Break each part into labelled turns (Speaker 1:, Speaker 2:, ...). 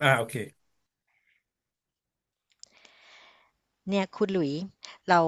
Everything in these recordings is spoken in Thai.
Speaker 1: อ่าโอเค
Speaker 2: เนี่ยคุณหลุยส์เรา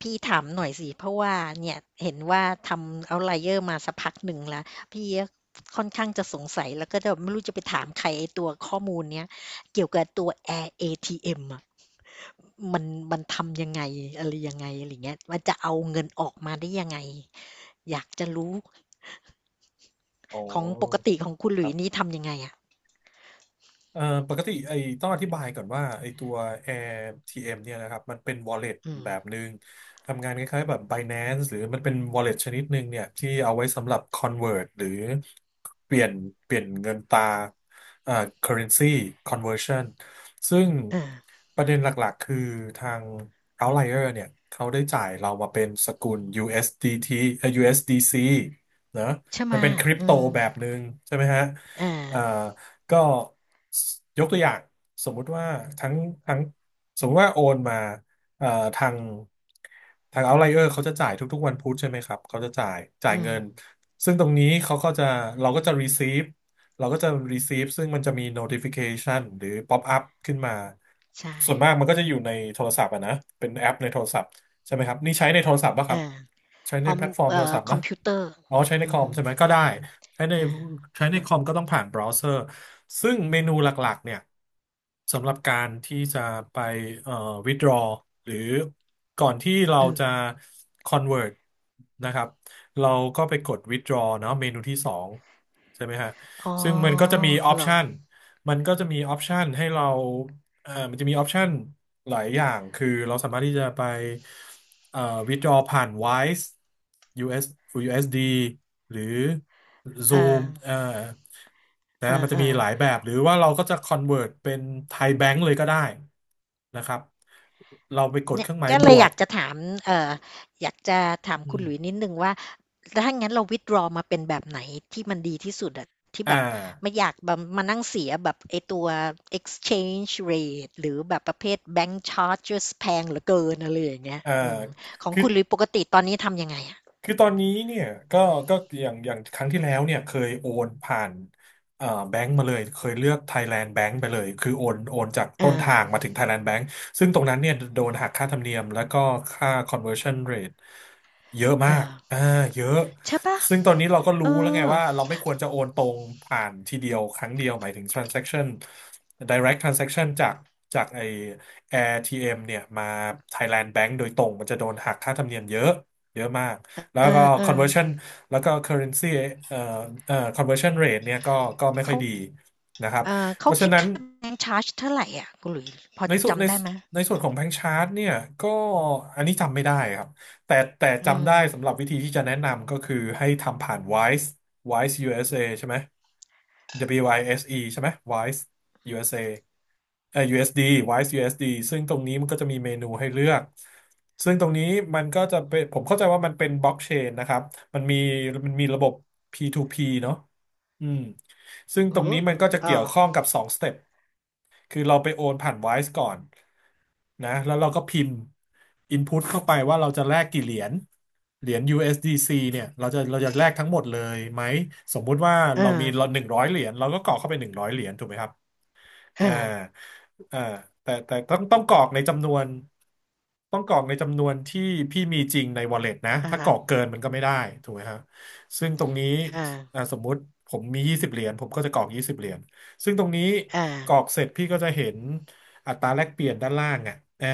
Speaker 2: พี่ถามหน่อยสิเพราะว่าเนี่ยเห็นว่าทำเอาไลเยอร์มาสักพักหนึ่งแล้วพี่ก็ค่อนข้างจะสงสัยแล้วก็จะไม่รู้จะไปถามใครไอ้ตัวข้อมูลเนี้ยเกี่ยวกับตัว Air ATM อทีเอ็มอ่ะมันมันทำยังไงอะไรยังไงอะไรเงี้ยมันจะเอาเงินออกมาได้ยังไงอยากจะรู้
Speaker 1: อ๋
Speaker 2: ของปก
Speaker 1: อ
Speaker 2: ติของคุณห
Speaker 1: ค
Speaker 2: ลุ
Speaker 1: รั
Speaker 2: ยส์
Speaker 1: บ
Speaker 2: นี่ทำยังไงอ่ะ
Speaker 1: เอ่อปกติต้องอธิบายก่อนว่าไอ้ตัว a เอ t m เนี่ยนะครับมันเป็น wallet
Speaker 2: อืม
Speaker 1: แบบหนึ่งทำงานคล้ายๆแบบ Binance หรือมันเป็น wallet ชนิดหนึ่งเนี่ยที่เอาไว้สำหรับ convert หรือเปลี่ยนเปลี่ยนเงินตราเอ่อ currency conversion ซึ่ง
Speaker 2: เออ
Speaker 1: ประเด็นหลักๆคือทาง outlier เนี่ยเขาได้จ่ายเรามาเป็นสกุล USDT เอสดีทีUSDC นะ
Speaker 2: ใช่ไห
Speaker 1: มัน
Speaker 2: มะ
Speaker 1: เป็นคริป
Speaker 2: อื
Speaker 1: โต
Speaker 2: ม
Speaker 1: แบบหนึ่งใช่ไหมฮะ
Speaker 2: เอ
Speaker 1: อ่า
Speaker 2: อ
Speaker 1: ก็ยกตัวอย่างสมมุติว่าทั้งทั้งสมมุติว่าโอนมาเอ่อทางทางเอาไลเออร์เขาจะจ่ายทุกๆวันพุธใช่ไหมครับเขาจะจ่าย
Speaker 2: อื
Speaker 1: เงิ
Speaker 2: ม
Speaker 1: นซึ่งตรงนี้เขาก็จะเราก็จะ receive เราก็จะ receive ซึ่งมันจะมี notification หรือ pop up ขึ้นมา
Speaker 2: ใช่
Speaker 1: ส่วนมากมันก็จะอยู่ในโทรศัพท์อะนะเป็นแอปในโทรศัพท์ใช่ไหมครับนี่ใช้ในโทรศัพท์ป่ะค
Speaker 2: เอ
Speaker 1: รับ
Speaker 2: อ
Speaker 1: ใช้
Speaker 2: อ
Speaker 1: ใน
Speaker 2: อม
Speaker 1: แพลตฟอร์มโทรศัพท์
Speaker 2: คอ
Speaker 1: ป่ะ
Speaker 2: มพิวเตอร์
Speaker 1: อ๋อใช้ใน
Speaker 2: อื
Speaker 1: ค
Speaker 2: อ
Speaker 1: อม
Speaker 2: ฮึ
Speaker 1: ใช่ไหมก็ได้ ใช้ใน
Speaker 2: อา
Speaker 1: ใช้ในคอมก็ต้องผ่านเบราว์เซอร์ซึ่งเมนูหลักๆเนี่ยสำหรับการที่จะไปเอ่อ withdraw หรือก่อนที่เรา
Speaker 2: เออ
Speaker 1: จะ convert นะครับเราก็ไปกด withdraw เนาะเมนูที่สองใช่ไหมฮะ
Speaker 2: อ๋อ
Speaker 1: ซึ่ง
Speaker 2: เหรอ
Speaker 1: มันก็จะมีออปชันให้เรา มันจะมีออปชันหลายอย่างคือเราสามารถที่จะไปเอ่อ withdraw ผ่าน Wise u อ USD หรือ
Speaker 2: อา
Speaker 1: Zoom นะ
Speaker 2: อ
Speaker 1: มันจะมีหลา
Speaker 2: า
Speaker 1: ยแบบหรือว่าเราก็จะ convert เป็นไทยแบงก์เลยก็ได้นะครับเราไปก
Speaker 2: ๆ
Speaker 1: ด
Speaker 2: เนี่
Speaker 1: เค
Speaker 2: ย
Speaker 1: รื่องหมาย
Speaker 2: ก็
Speaker 1: บ
Speaker 2: เลย
Speaker 1: ว
Speaker 2: อ
Speaker 1: ก
Speaker 2: ยากจะถามเอ่ออยากจะถาม
Speaker 1: อื
Speaker 2: คุณหลุยส์นิ
Speaker 1: ม
Speaker 2: ดหนึ่งว่า ถ้างั้นเรา withdraw มาเป็นแบบไหนที่มันดีที่สุดอะที่แบ
Speaker 1: อ่า
Speaker 2: บไม่อยากแบบมานั่งเสียแบบไอ้ตัว exchange rate หรือแบบประเภท bank charges แพงเหลือเกินอะไรอย่างเงี้ย
Speaker 1: อ่า
Speaker 2: อืมของ
Speaker 1: คือ
Speaker 2: คุณหลุยส์ปกติตอนนี้ทำยังไงอะ
Speaker 1: ตอนนี้เนี่ยก็ก็อย่างครั้งที่แล้วเนี่ยเคยโอนผ่านแบงก์มาเลยเคยเลือก Thailand Bank ไปเลยคือโอนจากต้
Speaker 2: อา
Speaker 1: นทางมาถึง Thailand Bank ซึ่งตรงนั้นเนี่ยโดนหักค่าธรรมเนียมแล้วก็ค่า conversion rate เยอะ
Speaker 2: เอ
Speaker 1: มา
Speaker 2: อ
Speaker 1: กเยอะ
Speaker 2: ใช่เปล่า
Speaker 1: ซึ่งตอนนี้เราก็
Speaker 2: เอ
Speaker 1: รู้
Speaker 2: อ
Speaker 1: แล้วไงว่าเราไม่ควรจะโอนตรงผ่านทีเดียวครั้งเดียวหมายถึง transaction direct transaction จากจาก AirTM เอ็มเนี่ยมา Thailand Bank โดยตรงมันจะโดนหักค่าธรรมเนียมเยอะเยอะมาก แล้วก็
Speaker 2: เอ
Speaker 1: conversion
Speaker 2: อ
Speaker 1: แล้วก็ currency เอ่อconversion rate เนี่ยก็ไม่
Speaker 2: ๆ
Speaker 1: ค่อย
Speaker 2: เขา
Speaker 1: ดีนะครับเพ
Speaker 2: เขา
Speaker 1: ราะฉะ
Speaker 2: คิด
Speaker 1: นั้น
Speaker 2: ค่าแบงก์ชาร์จเท่าไรอะคุณหลุยส์พอ
Speaker 1: ในส่วนใน
Speaker 2: จำได้ไหม
Speaker 1: ในส่วนของแบง c ์ชาร์ตเนี่ยก็อันนี้จำไม่ได้ครับแต่
Speaker 2: อื
Speaker 1: จำได้สำห
Speaker 2: ม
Speaker 1: รับวิธีที่จะแนะนำก็คือให้ทำผ่าน Wise USA ใช่ไหม WISE ใช่ไหม Wise USA USD Wise USD ซึ่งตรงนี้มันก็จะมีเมนูให้เลือก ซึ่งตรงนี้มันก็จะเป็นผมเข้าใจว่ามันเป็นบล็อกเชนนะครับมันมีมันมีระบบ P2P เนอะอืมซึ่งตร
Speaker 2: โอ้
Speaker 1: ง
Speaker 2: โฮ
Speaker 1: นี้มันก็จะ
Speaker 2: อ้อ
Speaker 1: เกี่ยวข้องกับ2 สเต็ปคือเราไปโอนผ่าน Wise ก่อนนะแล้วเราก็พิมพ์ Input เข้าไปว่าเราจะแลกกี่เหรียญเหรียญ USDC เอสดีซีเนี่ยเราจะแลกทั้งหมดเลยไหม สมมุติว่า
Speaker 2: เออ
Speaker 1: เรามีหนึ่งร้อยเหรียญเราก็กรอกเข้าไปหนึ่งร้อยเหรียญถูกไหมครับ
Speaker 2: เอ
Speaker 1: อ่า
Speaker 2: อ
Speaker 1: อ่าแต่ต้องกรอกในจำนวนต้องกรอกในจำนวนที่พี่มีจริงใน wallet นะ
Speaker 2: อะ
Speaker 1: ถ้ากร
Speaker 2: ฮะ
Speaker 1: อกเกินมันก็ไม่ได้ถูกไหมครับซึ่งตรงนี้
Speaker 2: เออ
Speaker 1: สมมุติผมมียี่สิบเหรียญผมก็จะกรอกยี่สิบเหรียญซึ่งตรงนี้
Speaker 2: อา
Speaker 1: กรอกเสร็จพี่ก็จะเห็นอัตราแลกเปลี่ยนด้านล่างอ่ะอ่า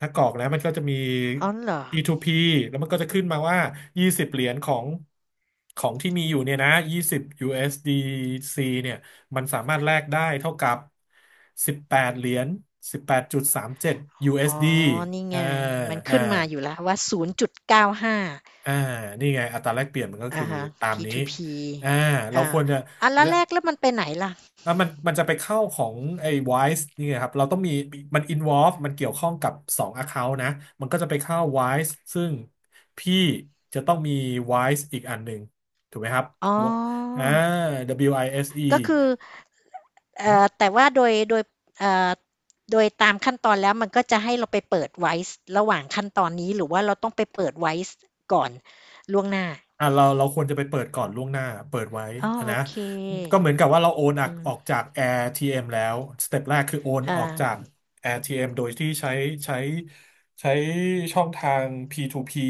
Speaker 1: ถ้ากรอกแล้วมันก็จะมี
Speaker 2: อ๋อเหรอ
Speaker 1: P2P แล้วมันก็จะขึ้นมาว่ายี่สิบเหรียญของของที่มีอยู่เนี่ยนะ20 USDC เอสดีซีเนี่ย มันสามารถแลกได้เท่ากับ18เหรียญ18.37
Speaker 2: อ๋อ
Speaker 1: USD
Speaker 2: นี่
Speaker 1: อสดีอ่า
Speaker 2: ไงมัน
Speaker 1: อ่า
Speaker 2: ขึ้นมาอยู่แล้วว่า0.95
Speaker 1: อ่านี่ไงอัตราแลกเปลี่ยนมันก็คื
Speaker 2: อะ
Speaker 1: อ
Speaker 2: ฮะ
Speaker 1: ตามนี้
Speaker 2: P2P
Speaker 1: อ่าเรา
Speaker 2: อา
Speaker 1: ควรจะ
Speaker 2: อ่าแล้ว
Speaker 1: และ
Speaker 2: แลกแล้วมันไปไหนล่ะ
Speaker 1: แล้วมันจะไปเข้าของไอ้ Wise นี่ไงครับเราต้องมีมัน involve มันเกี่ยวข้องกับ2 account นะมันก็จะไปเข้า Wise ซึ่งพี่จะต้องมี Wise อีกอันหนึ่งถูกไหมครับ
Speaker 2: อ๋อ
Speaker 1: วอ่า WISE
Speaker 2: ก็คือ แต่ว่าโดยเอ่อโดยตามขั้นตอนแล้วมันก็จะให้เราไปเปิดไว้ระหว่างขั้นตอนนี้หรือว่าเราต้องไปเปิดไว้ก่อนล่วงหน้า
Speaker 1: เราควรจะไปเปิดก่อนล่วงหน้าเปิดไว้
Speaker 2: อ๋อโอ
Speaker 1: นะ
Speaker 2: เค
Speaker 1: ก็เหมือนกับว่าเราโอนออก
Speaker 2: อืม
Speaker 1: ออกจาก AirTM แล้วสเต็ปแรกคือโอน
Speaker 2: อ่า
Speaker 1: ออกจาก AirTM โดยที่ใช้ใช้ช่องทาง P2P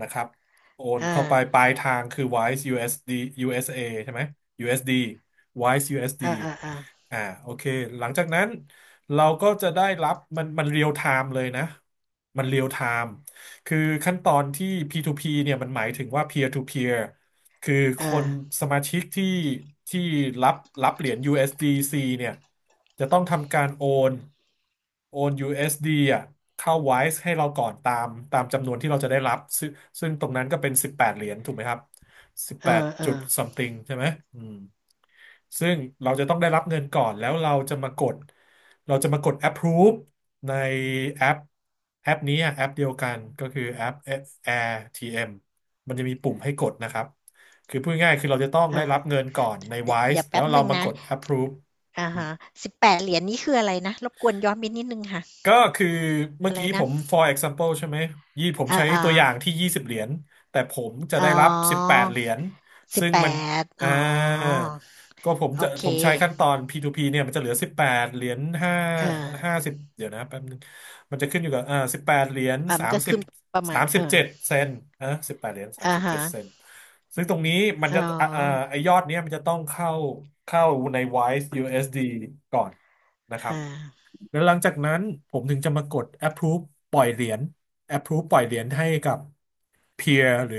Speaker 1: นะครับโอน
Speaker 2: อ
Speaker 1: เข้าไปป
Speaker 2: ่า
Speaker 1: ลายทางคือ Wise USD สดียูเอสเอใช่ไหมยูเอสดี Wise USD อสดี
Speaker 2: อ่าอ่าอ่า
Speaker 1: อ่าโอเคหลังจากนั้นเราก็จะได้รับมันเรียลไทม์เลยนะมันเรียลไทม์ คือขั้นตอนที่ P2P เนี่ยมันหมายถึงว่า peer to peer คือคน
Speaker 2: อ่า
Speaker 1: สมาชิกที่รับรับเหรียญ USDC เอสดีซีเนี่ยจะต้องทำการนโอน USD อสดีอ่ะเข้า WISE ให้เราก่อนตามจำนวนที่เราจะได้รับซึ่งตรงนั้นก็เป็น18เหรียญถูกไหมครับ
Speaker 2: เออ
Speaker 1: 18
Speaker 2: ๆอา
Speaker 1: จุด something ใช่ไหมอืม ซึ่งเราจะต้องได้รับเงินก่อนแล้วเราจะมากดเราจะมากด approve ในแอปแอปนี้อะแอปเดียวกันก็คือแอป AirTM มันจะมีปุ่มให้กดนะครับคือพูดง่ายๆคือเราจะต้องได้รับเงิ
Speaker 2: เ
Speaker 1: นก่อนใน
Speaker 2: ดี๋ยว
Speaker 1: Wise
Speaker 2: เดี๋ยว
Speaker 1: แล้
Speaker 2: แป๊
Speaker 1: ว
Speaker 2: บห
Speaker 1: เรา
Speaker 2: นึ่ง
Speaker 1: มา
Speaker 2: นะ
Speaker 1: กด approve
Speaker 2: อ่าฮะสิบแปดเหรียญนี่คืออะไรนะรบกวนย้อนไปนิดหนึงค่ะ
Speaker 1: ก็คือเมื่
Speaker 2: อะ
Speaker 1: อ
Speaker 2: ไร
Speaker 1: กี้ผ
Speaker 2: นะ
Speaker 1: ม for example ใช่ไหมยี่ผม
Speaker 2: อ่า
Speaker 1: ใช้
Speaker 2: อ่า
Speaker 1: ตัวอย่างที่ยี่สิบเหรียญแต่ผมจะ
Speaker 2: อ๋อ
Speaker 1: ได้รับสิบแปดเหรียญ
Speaker 2: สิบ
Speaker 1: ซึ่ง
Speaker 2: แป
Speaker 1: มัน
Speaker 2: ด
Speaker 1: อ่า
Speaker 2: อ๋อ
Speaker 1: ก็
Speaker 2: โอเค
Speaker 1: ผมใช้ขั้นตอน P2P เนี่ยมันจะเหลือ18 เหรียญ
Speaker 2: เอ
Speaker 1: ห้าสิบเดี๋ยวนะแป๊บนึงมันจะขึ้นอยู่กับสิบแปดเหรียญ
Speaker 2: อ่ามันก็ขึ้นประมา
Speaker 1: สา
Speaker 2: ณ
Speaker 1: ม
Speaker 2: เอ
Speaker 1: สิบ
Speaker 2: อ
Speaker 1: เจ็ดเซนนะสิบแปดเหรียญสาม
Speaker 2: อะ
Speaker 1: สิบเจ็
Speaker 2: ฮะ
Speaker 1: ดเซนซึ่งตรงนี้มัน
Speaker 2: อ๋อ
Speaker 1: จะไอยอดเนี้ยมันจะต้องเข้าใน Wise USD ก่อนนะครั
Speaker 2: อ
Speaker 1: บ
Speaker 2: า
Speaker 1: แล้วหลังจากนั้นผมถึงจะมากด approve ปล่อยเหรียญ approve ปล่อยเหรียญให้กับ peer หรือ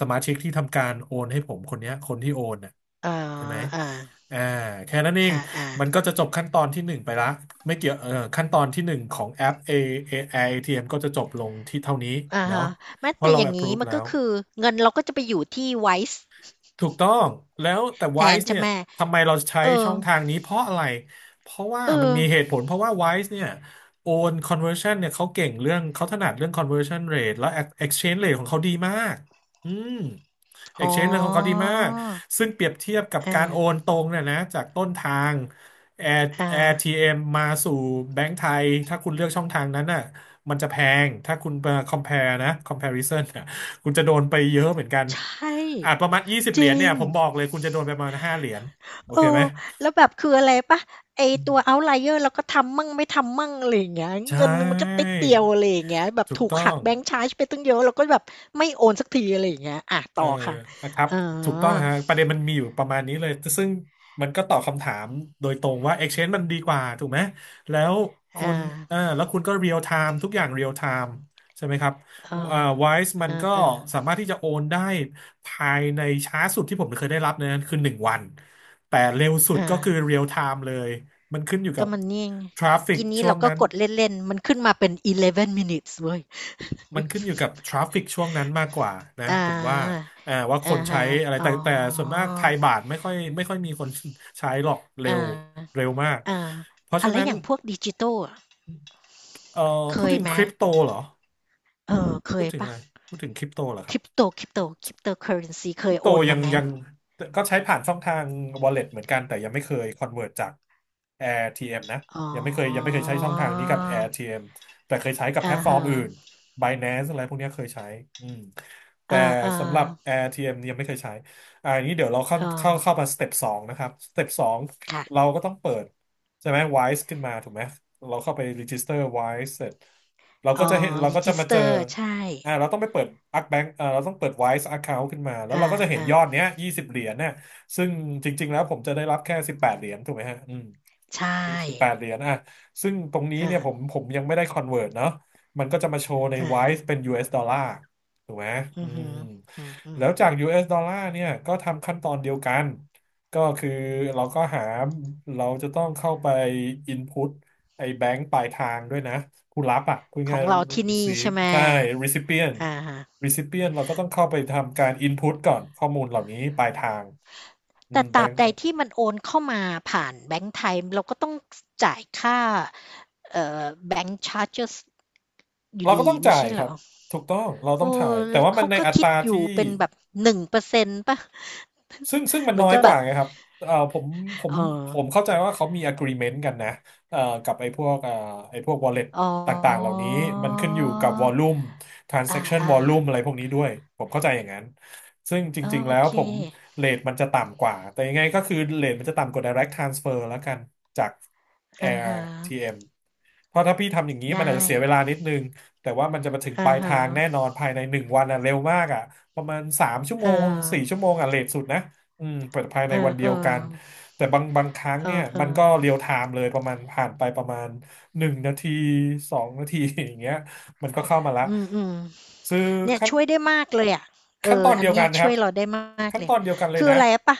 Speaker 1: สมาชิกที่ทำการโอนให้ผมคนเนี้ยคนที่โอนน่ะ
Speaker 2: อ๋อ
Speaker 1: ใช่ไหม
Speaker 2: อา
Speaker 1: อ่าแค่นั้นเอง
Speaker 2: อาอา
Speaker 1: มันก็จะจบขั้นตอนที่หนึ่งไปละไม่เกี่ยวขั้นตอนที่หนึ่งของแอป ATM ก็จะจบลงที่เท่านี้
Speaker 2: อะ
Speaker 1: เนาะ
Speaker 2: ฮะแม้
Speaker 1: เพราะ
Speaker 2: แต่
Speaker 1: เรา
Speaker 2: อย่างงี้
Speaker 1: approve
Speaker 2: มัน
Speaker 1: แล้
Speaker 2: ก็
Speaker 1: ว
Speaker 2: คือเงินเราก็จะไปอยู่ที่ Wise
Speaker 1: ถูกต้องแล้วแต่
Speaker 2: แทน
Speaker 1: Wise
Speaker 2: ใช่
Speaker 1: เนี่ย
Speaker 2: ไหม
Speaker 1: ทำไมเราใช้
Speaker 2: เออ
Speaker 1: ช่องทางนี้เพราะอะไรเพราะว่า
Speaker 2: เอ
Speaker 1: มัน
Speaker 2: อ
Speaker 1: มีเหตุผลเพราะว่า Wise เนี่ยโอน conversion เนี่ยเขาเก่งเรื่องเขาถนัดเรื่อง conversion rate และ exchange rate ของเขาดีมากอืม
Speaker 2: อ๋อ
Speaker 1: exchange rate ของเขาดีมากซึ่งเปรียบเทียบกับ
Speaker 2: อ
Speaker 1: การโอน
Speaker 2: า
Speaker 1: ตรงเนี่ยนะจากต้นทาง Air
Speaker 2: อา
Speaker 1: AirTM มาสู่แบงก์ไทยถ้าคุณเลือกช่องทางนั้นน่ะมันจะแพงถ้าคุณมา compare นะ comparison น่ะคุณจะโดนไปเยอะเหมือนกัน
Speaker 2: ใช่
Speaker 1: อ่าประมาณยี่สิบ
Speaker 2: จ
Speaker 1: เหรียญ
Speaker 2: ริ
Speaker 1: เนี่ย
Speaker 2: ง
Speaker 1: ผมบอกเลยคุณจะโดนไปประมาณ5 เหรียญโอ
Speaker 2: เอ
Speaker 1: เคไหม
Speaker 2: อแล้วแบบคืออะไรเปล่าไอ้ตัว Outlier เราก็ทำมั่งไม่ทำมั่งอะไรอย่างเงี้ย
Speaker 1: ใช่
Speaker 2: เงินมันก็ติดเดียวอะไรอย่างเงี้ยแบบ
Speaker 1: ถูก
Speaker 2: ถูก
Speaker 1: ต้อ
Speaker 2: หั
Speaker 1: ง
Speaker 2: กแบงก์ชาร์จไปตั้งเยอะเราก็แบบไม่โอนสักทีอะไรอย่างเงี้ยอา
Speaker 1: เอ
Speaker 2: ต่
Speaker 1: อ
Speaker 2: อค่ะ
Speaker 1: ครับ
Speaker 2: อ๋อ
Speaker 1: ถูกต้องฮะประเด็นมันมีอยู่ประมาณนี้เลยซึ่งมันก็ตอบคำถามโดยตรงว่า Exchange มันดีกว่าถูกไหมแล้วคุ
Speaker 2: อา
Speaker 1: ณเออแล้วคุณก็ real time ทุกอย่าง real time ใช่ไหมครับ
Speaker 2: เออ
Speaker 1: เอ่อ Wise มั
Speaker 2: เอ
Speaker 1: น
Speaker 2: อ
Speaker 1: ก็
Speaker 2: เออ
Speaker 1: สามารถที่จะโอนได้ภายในช้าสุดที่ผมเคยได้รับนะคือหนึ่งวันแต่เร็วสุด
Speaker 2: เอา
Speaker 1: ก็คือ real time เลยมันขึ้นอยู่กั
Speaker 2: ก็
Speaker 1: บ
Speaker 2: มันนี่ไง
Speaker 1: traffic
Speaker 2: กินนี้
Speaker 1: ช่ว
Speaker 2: เรา
Speaker 1: ง
Speaker 2: ก็
Speaker 1: นั้น
Speaker 2: กดเล่นๆมันขึ้นมาเป็น11 minutes เว้ย
Speaker 1: มันขึ้นอยู่กับทราฟฟิกช่วงนั้นมากกว่านะ
Speaker 2: อา
Speaker 1: ผมว่าว่าค
Speaker 2: อา
Speaker 1: นใช้
Speaker 2: ฮะ
Speaker 1: อะไร
Speaker 2: อ๋
Speaker 1: แต่
Speaker 2: อ
Speaker 1: แต่ส่วนมากไทยบาทไม่ค่อยมีคนใช้หรอกเร็
Speaker 2: อ
Speaker 1: ว
Speaker 2: า
Speaker 1: เร็วมาก
Speaker 2: อา
Speaker 1: เพราะ
Speaker 2: อะ
Speaker 1: ฉะ
Speaker 2: แล้ว
Speaker 1: นั้น
Speaker 2: อย่างพวกดิจิตอลอะ
Speaker 1: เอ่อ
Speaker 2: เค
Speaker 1: พูด
Speaker 2: ย
Speaker 1: ถึง
Speaker 2: ไหม
Speaker 1: คริปโตเหรอ
Speaker 2: เออเค
Speaker 1: พูด
Speaker 2: ย
Speaker 1: ถึงอะไร
Speaker 2: ปะ่
Speaker 1: พูดถึงคริปโตเหรอครับ
Speaker 2: ริปโตคริปโตคริปโตเค c u r r e n เคย
Speaker 1: โต
Speaker 2: โอน
Speaker 1: ยั
Speaker 2: มา
Speaker 1: ง
Speaker 2: ไหม
Speaker 1: ยังก็ใช้ผ่านช่องทาง wallet เหมือนกันแต่ยังไม่เคย convert จาก AirTM นะ
Speaker 2: อ๋อ
Speaker 1: ยังไม่เคยใช้ช่องทางนี้กับ AirTM แต่เคยใช้กับแพล
Speaker 2: อา
Speaker 1: ตฟอร์ม
Speaker 2: ฮะ
Speaker 1: อื่น Binance อะไรพวกเนี้ยเคยใช้อืมแต่
Speaker 2: อาอ่
Speaker 1: สำหรับ AirTM เนี่ยยังไม่เคยใช้อ่าอย่างนี้เดี๋ยวเราเข้า
Speaker 2: เอ
Speaker 1: เข้า
Speaker 2: อ
Speaker 1: เข้ามาสเต็ปสองนะครับสเต็ปสอง
Speaker 2: ค่ะ
Speaker 1: เราก็ต้องเปิดใช่ไหม Wise ขึ้นมาถูกไหมเราเข้าไป register Wise เสร็จเราก็
Speaker 2: อ๋อ
Speaker 1: จะเห็นเรา
Speaker 2: รี
Speaker 1: ก็
Speaker 2: จ
Speaker 1: จะ
Speaker 2: e ส
Speaker 1: มา
Speaker 2: เต
Speaker 1: เจอ
Speaker 2: อร์ใช่
Speaker 1: อ่าเราต้องไปเปิดอักแบงเราต้องเปิด Wise Account ขึ้นมาแล้ว
Speaker 2: อา
Speaker 1: เราก็จะเห็น
Speaker 2: อ่า
Speaker 1: ยอดเนี้ยยี่สิบเหรียญเนี่ยซึ่งจริงๆแล้วผมจะได้รับแค่สิบแปดเหรียญถูกไหมฮะอืม
Speaker 2: ใช่
Speaker 1: สิบแปดเหรียญอ่ะซึ่งตรงนี้
Speaker 2: อา
Speaker 1: เนี่ยผมยังไม่ได้คอนเวิร์ตเนาะมันก็จะมาโชว์ใน
Speaker 2: อา
Speaker 1: WISE เป็น US ดอลลาร์ถูกไหมอื
Speaker 2: อือฮึ
Speaker 1: ม
Speaker 2: ออื
Speaker 1: แล้
Speaker 2: ม
Speaker 1: วจาก US ดอลลาร์เนี่ยก็ทำขั้นตอนเดียวกัน ก็คือเราก็หาเราจะต้องเข้าไป input ไอ้แบงค์ปลายทางด้วยนะผู้รับอ่ะพูด
Speaker 2: ๆขอ
Speaker 1: ง่า
Speaker 2: ง
Speaker 1: ย
Speaker 2: เราที่
Speaker 1: ๆ
Speaker 2: นี่
Speaker 1: receive
Speaker 2: ใช่ไหม
Speaker 1: ใช่ recipient
Speaker 2: อาฮะ
Speaker 1: เราก็ต้องเข้าไปทำการ input ก่อนข้อมูลเหล่านี้ปลายทางอืม
Speaker 2: แต่ต
Speaker 1: แบ
Speaker 2: ราบ
Speaker 1: ง
Speaker 2: ใด
Speaker 1: ค์
Speaker 2: ที่มันโอนเข้ามาผ่านแบงก์ไทยเราก็ต้องจ่ายค่าแบงก์ชาร์ h a r g e s อยู่
Speaker 1: เราก็
Speaker 2: ดี
Speaker 1: ต้อง
Speaker 2: ไม่
Speaker 1: จ่าย
Speaker 2: ใช่
Speaker 1: ค
Speaker 2: เหร
Speaker 1: รับ
Speaker 2: อ
Speaker 1: ถูกต้องเราต้อง
Speaker 2: เอ้
Speaker 1: จ่ายแต่ว่ามัน
Speaker 2: เขา
Speaker 1: ใน
Speaker 2: ก็
Speaker 1: อัต
Speaker 2: คิด
Speaker 1: รา
Speaker 2: อยู่
Speaker 1: ที่
Speaker 2: เป็นแบบหนึ่งเปอร์เซ็นต์ป่ะ
Speaker 1: ซึ่ง มัน
Speaker 2: เหมื
Speaker 1: น้
Speaker 2: อ
Speaker 1: อ
Speaker 2: น
Speaker 1: ย
Speaker 2: กับ
Speaker 1: ก
Speaker 2: แบ
Speaker 1: ว่า
Speaker 2: บ
Speaker 1: ไงครับผมผม
Speaker 2: เอ๋อ
Speaker 1: ผมเข้าใจว่าเขามี agreement กันนะเอ่อกับไอ้พวกไอ้พวก wallet
Speaker 2: อ๋อ
Speaker 1: ต่างๆเหล่านี้มันขึ้นอยู่กับ volume
Speaker 2: อ
Speaker 1: transaction
Speaker 2: า
Speaker 1: volume อะไรพวกนี้ด้วย ผมเข้าใจอย่างนั้น ซึ่งจ
Speaker 2: ๆเออ
Speaker 1: ริงๆ
Speaker 2: โอ
Speaker 1: แล้ว
Speaker 2: เค
Speaker 1: ผมเรทมันจะต่ำกว่า แต่ยังไงก็คือเรทมันจะต่ำกว่า direct transfer แล้วกันจาก
Speaker 2: อาฮะ
Speaker 1: AirTM เอ็มเพราะถ้าพี่ทำอย่างนี้มันอาจ
Speaker 2: ได้
Speaker 1: จะเสียเวลานิดนึง แต่ว่ามันจะมาถึงป
Speaker 2: อา
Speaker 1: ลาย
Speaker 2: ฮะ
Speaker 1: ทางแน่นอนภายในหนึ่งวันอ่ะเร็วมากอ่ะประมาณสามชั่วโม
Speaker 2: อ่า
Speaker 1: งสี่ชั่วโมงอ่ะเลทสุดนะ อืมเปิดภายใน
Speaker 2: เออ
Speaker 1: วัน
Speaker 2: ๆ
Speaker 1: เดี
Speaker 2: เออ
Speaker 1: ยวกันแต่บางครั้ง
Speaker 2: ๆ
Speaker 1: เนี่ย
Speaker 2: อ
Speaker 1: มัน
Speaker 2: อ
Speaker 1: ก็เรียลไทม์เลยประมาณผ่านไปประมาณหนึ่งนาทีสองนาที อย่างเงี้ยมันก็เข้ามาละ
Speaker 2: อืมอืม
Speaker 1: ซื้อ
Speaker 2: เนี่ย
Speaker 1: ขั้น
Speaker 2: ช่วยได้มากเลยอะเออ
Speaker 1: ตอน
Speaker 2: อั
Speaker 1: เดี
Speaker 2: น
Speaker 1: ยว
Speaker 2: เนี้
Speaker 1: กั
Speaker 2: ย
Speaker 1: นนะค
Speaker 2: ช่
Speaker 1: รั
Speaker 2: ว
Speaker 1: บ
Speaker 2: ยเราได้มาก
Speaker 1: ขั้น
Speaker 2: เล
Speaker 1: ต
Speaker 2: ย
Speaker 1: อนเดียวกันเลย
Speaker 2: คือ
Speaker 1: นะ
Speaker 2: อะไรปะ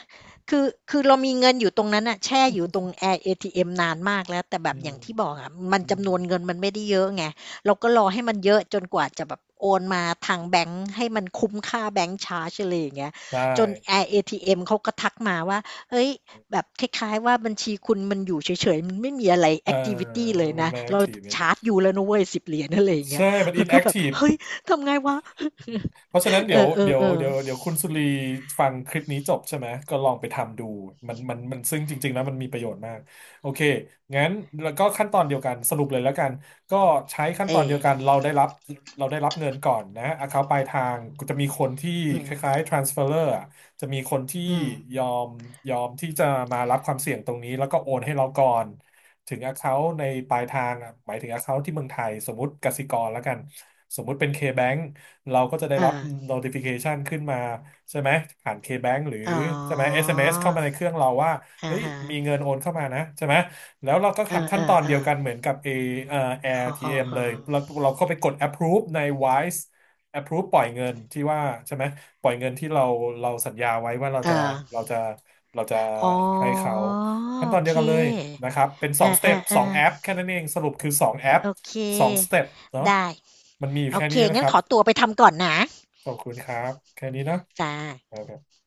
Speaker 2: คือเรามีเงินอยู่ตรงนั้นอะแช่อยู่ตรงแอร์เอทีเอ็มนานมากแล้วแต่แบ
Speaker 1: อื
Speaker 2: บอ
Speaker 1: ม
Speaker 2: ย่างที่บอกอะมัน
Speaker 1: อืม
Speaker 2: จำนวนเงินมันไม่ได้เยอะไงเราก็รอให้มันเยอะจนกว่าจะแบบโอนมาทางแบงค์ให้มันคุ้มค่าแบงค์ชาร์จอะไรอย่างเงี้ย
Speaker 1: ได้
Speaker 2: จนแอร์เอทีเอ็มเขาก็ทักมาว่า เฮ้ยแบบคล้ายๆว่าบัญชีคุณมันอยู่เฉยๆมันไม่มีอะไร
Speaker 1: เอ
Speaker 2: แอ
Speaker 1: อ
Speaker 2: คทิวิตี
Speaker 1: มั
Speaker 2: เล
Speaker 1: น
Speaker 2: ย
Speaker 1: มัน
Speaker 2: นะ
Speaker 1: ไม่แอค
Speaker 2: เรา
Speaker 1: ทีฟเนี่ย
Speaker 2: ชาร์จอยูแล้วนะเว้ย $10 อะไรอย่างเงี้
Speaker 1: ใช่
Speaker 2: ย
Speaker 1: มันอิ
Speaker 2: เรา
Speaker 1: นแอ
Speaker 2: ก็
Speaker 1: ค
Speaker 2: แบบ
Speaker 1: ทีฟ
Speaker 2: เฮ้ยทำไงวะ
Speaker 1: เพราะฉะนั้น
Speaker 2: เอ
Speaker 1: เดี๋
Speaker 2: อ
Speaker 1: ยว
Speaker 2: เออ
Speaker 1: เดี๋ยว
Speaker 2: เออ
Speaker 1: เดี๋ยวเดี๋ยวคุณสุรีฟังคลิปนี้จบใช่ไหมก็ลองไปทำดูมันซึ่งจริงๆแล้วมันมีประโยชน์มากโอเคงั้นแล้วก็ขั้นตอนเดียวกันสรุปเลยแล้วกันก็ใช้ขั้น
Speaker 2: เอ
Speaker 1: ตอนเดี
Speaker 2: อ
Speaker 1: ยวกันเราได้รับเราได้รับเงินก่อนนะ account ปลายทางจะมีคนที่
Speaker 2: อื
Speaker 1: ค
Speaker 2: ม
Speaker 1: ล้ายๆ transferer อะจะมีคนที่
Speaker 2: อืม
Speaker 1: ยอมที่จะมารับความเสี่ยงตรงนี้แล้วก็โอนให้เราก่อนถึง account ในปลายทางอะหมายถึง account ที่เมืองไทยสมมติกสิกรแล้วกันสมมุติเป็น K-Bank เราก็จะได้
Speaker 2: อ
Speaker 1: รับ
Speaker 2: ่า
Speaker 1: notification ขึ้นมาใช่ไหมผ่าน KBank หรือ
Speaker 2: อ๋อ
Speaker 1: ใช่ไหม SMS เอ็มเอสเข้ามาในเครื่องเราว่า
Speaker 2: อะ
Speaker 1: เฮ้ย
Speaker 2: ฮะ
Speaker 1: มีเงินโอนเข้ามานะใช่ไหมแล้วเราก็
Speaker 2: เอ
Speaker 1: ทำขั้นตอน
Speaker 2: อ
Speaker 1: เดียวกันเหมื
Speaker 2: ๆ
Speaker 1: อนกับ A เอ่อ
Speaker 2: ๆอ้อ
Speaker 1: AirTM เลยเรา
Speaker 2: ๆ
Speaker 1: เราเข้าไปกด approve ใน Wise approve ปล่อยเงินที่ว่าใช่ไหมปล่อยเงินที่เราเราสัญญาไว้ว่าเรา
Speaker 2: ๆอา
Speaker 1: จะเราจะเราจะ
Speaker 2: อ๋อ
Speaker 1: ให้เขา
Speaker 2: โ
Speaker 1: ขั้น
Speaker 2: อ
Speaker 1: ตอนเดี
Speaker 2: เ
Speaker 1: ยวกันเลย
Speaker 2: ค
Speaker 1: นะครับเป็นส
Speaker 2: อ
Speaker 1: องสเต็ปส
Speaker 2: า
Speaker 1: องแอป
Speaker 2: ๆ
Speaker 1: แค่นั้นเองสรุปคือสองแอป
Speaker 2: ๆโอเค
Speaker 1: สองสเต็ปเนาะ
Speaker 2: ได้
Speaker 1: มันมีอยู่
Speaker 2: โอ
Speaker 1: แค่
Speaker 2: เค
Speaker 1: นี้นะค
Speaker 2: งั้น
Speaker 1: รั
Speaker 2: ข
Speaker 1: บ
Speaker 2: อตัวไปทำก่อนนะ
Speaker 1: ขอบคุณครับแค่นี้เนอะ
Speaker 2: จ้ะ
Speaker 1: โอเค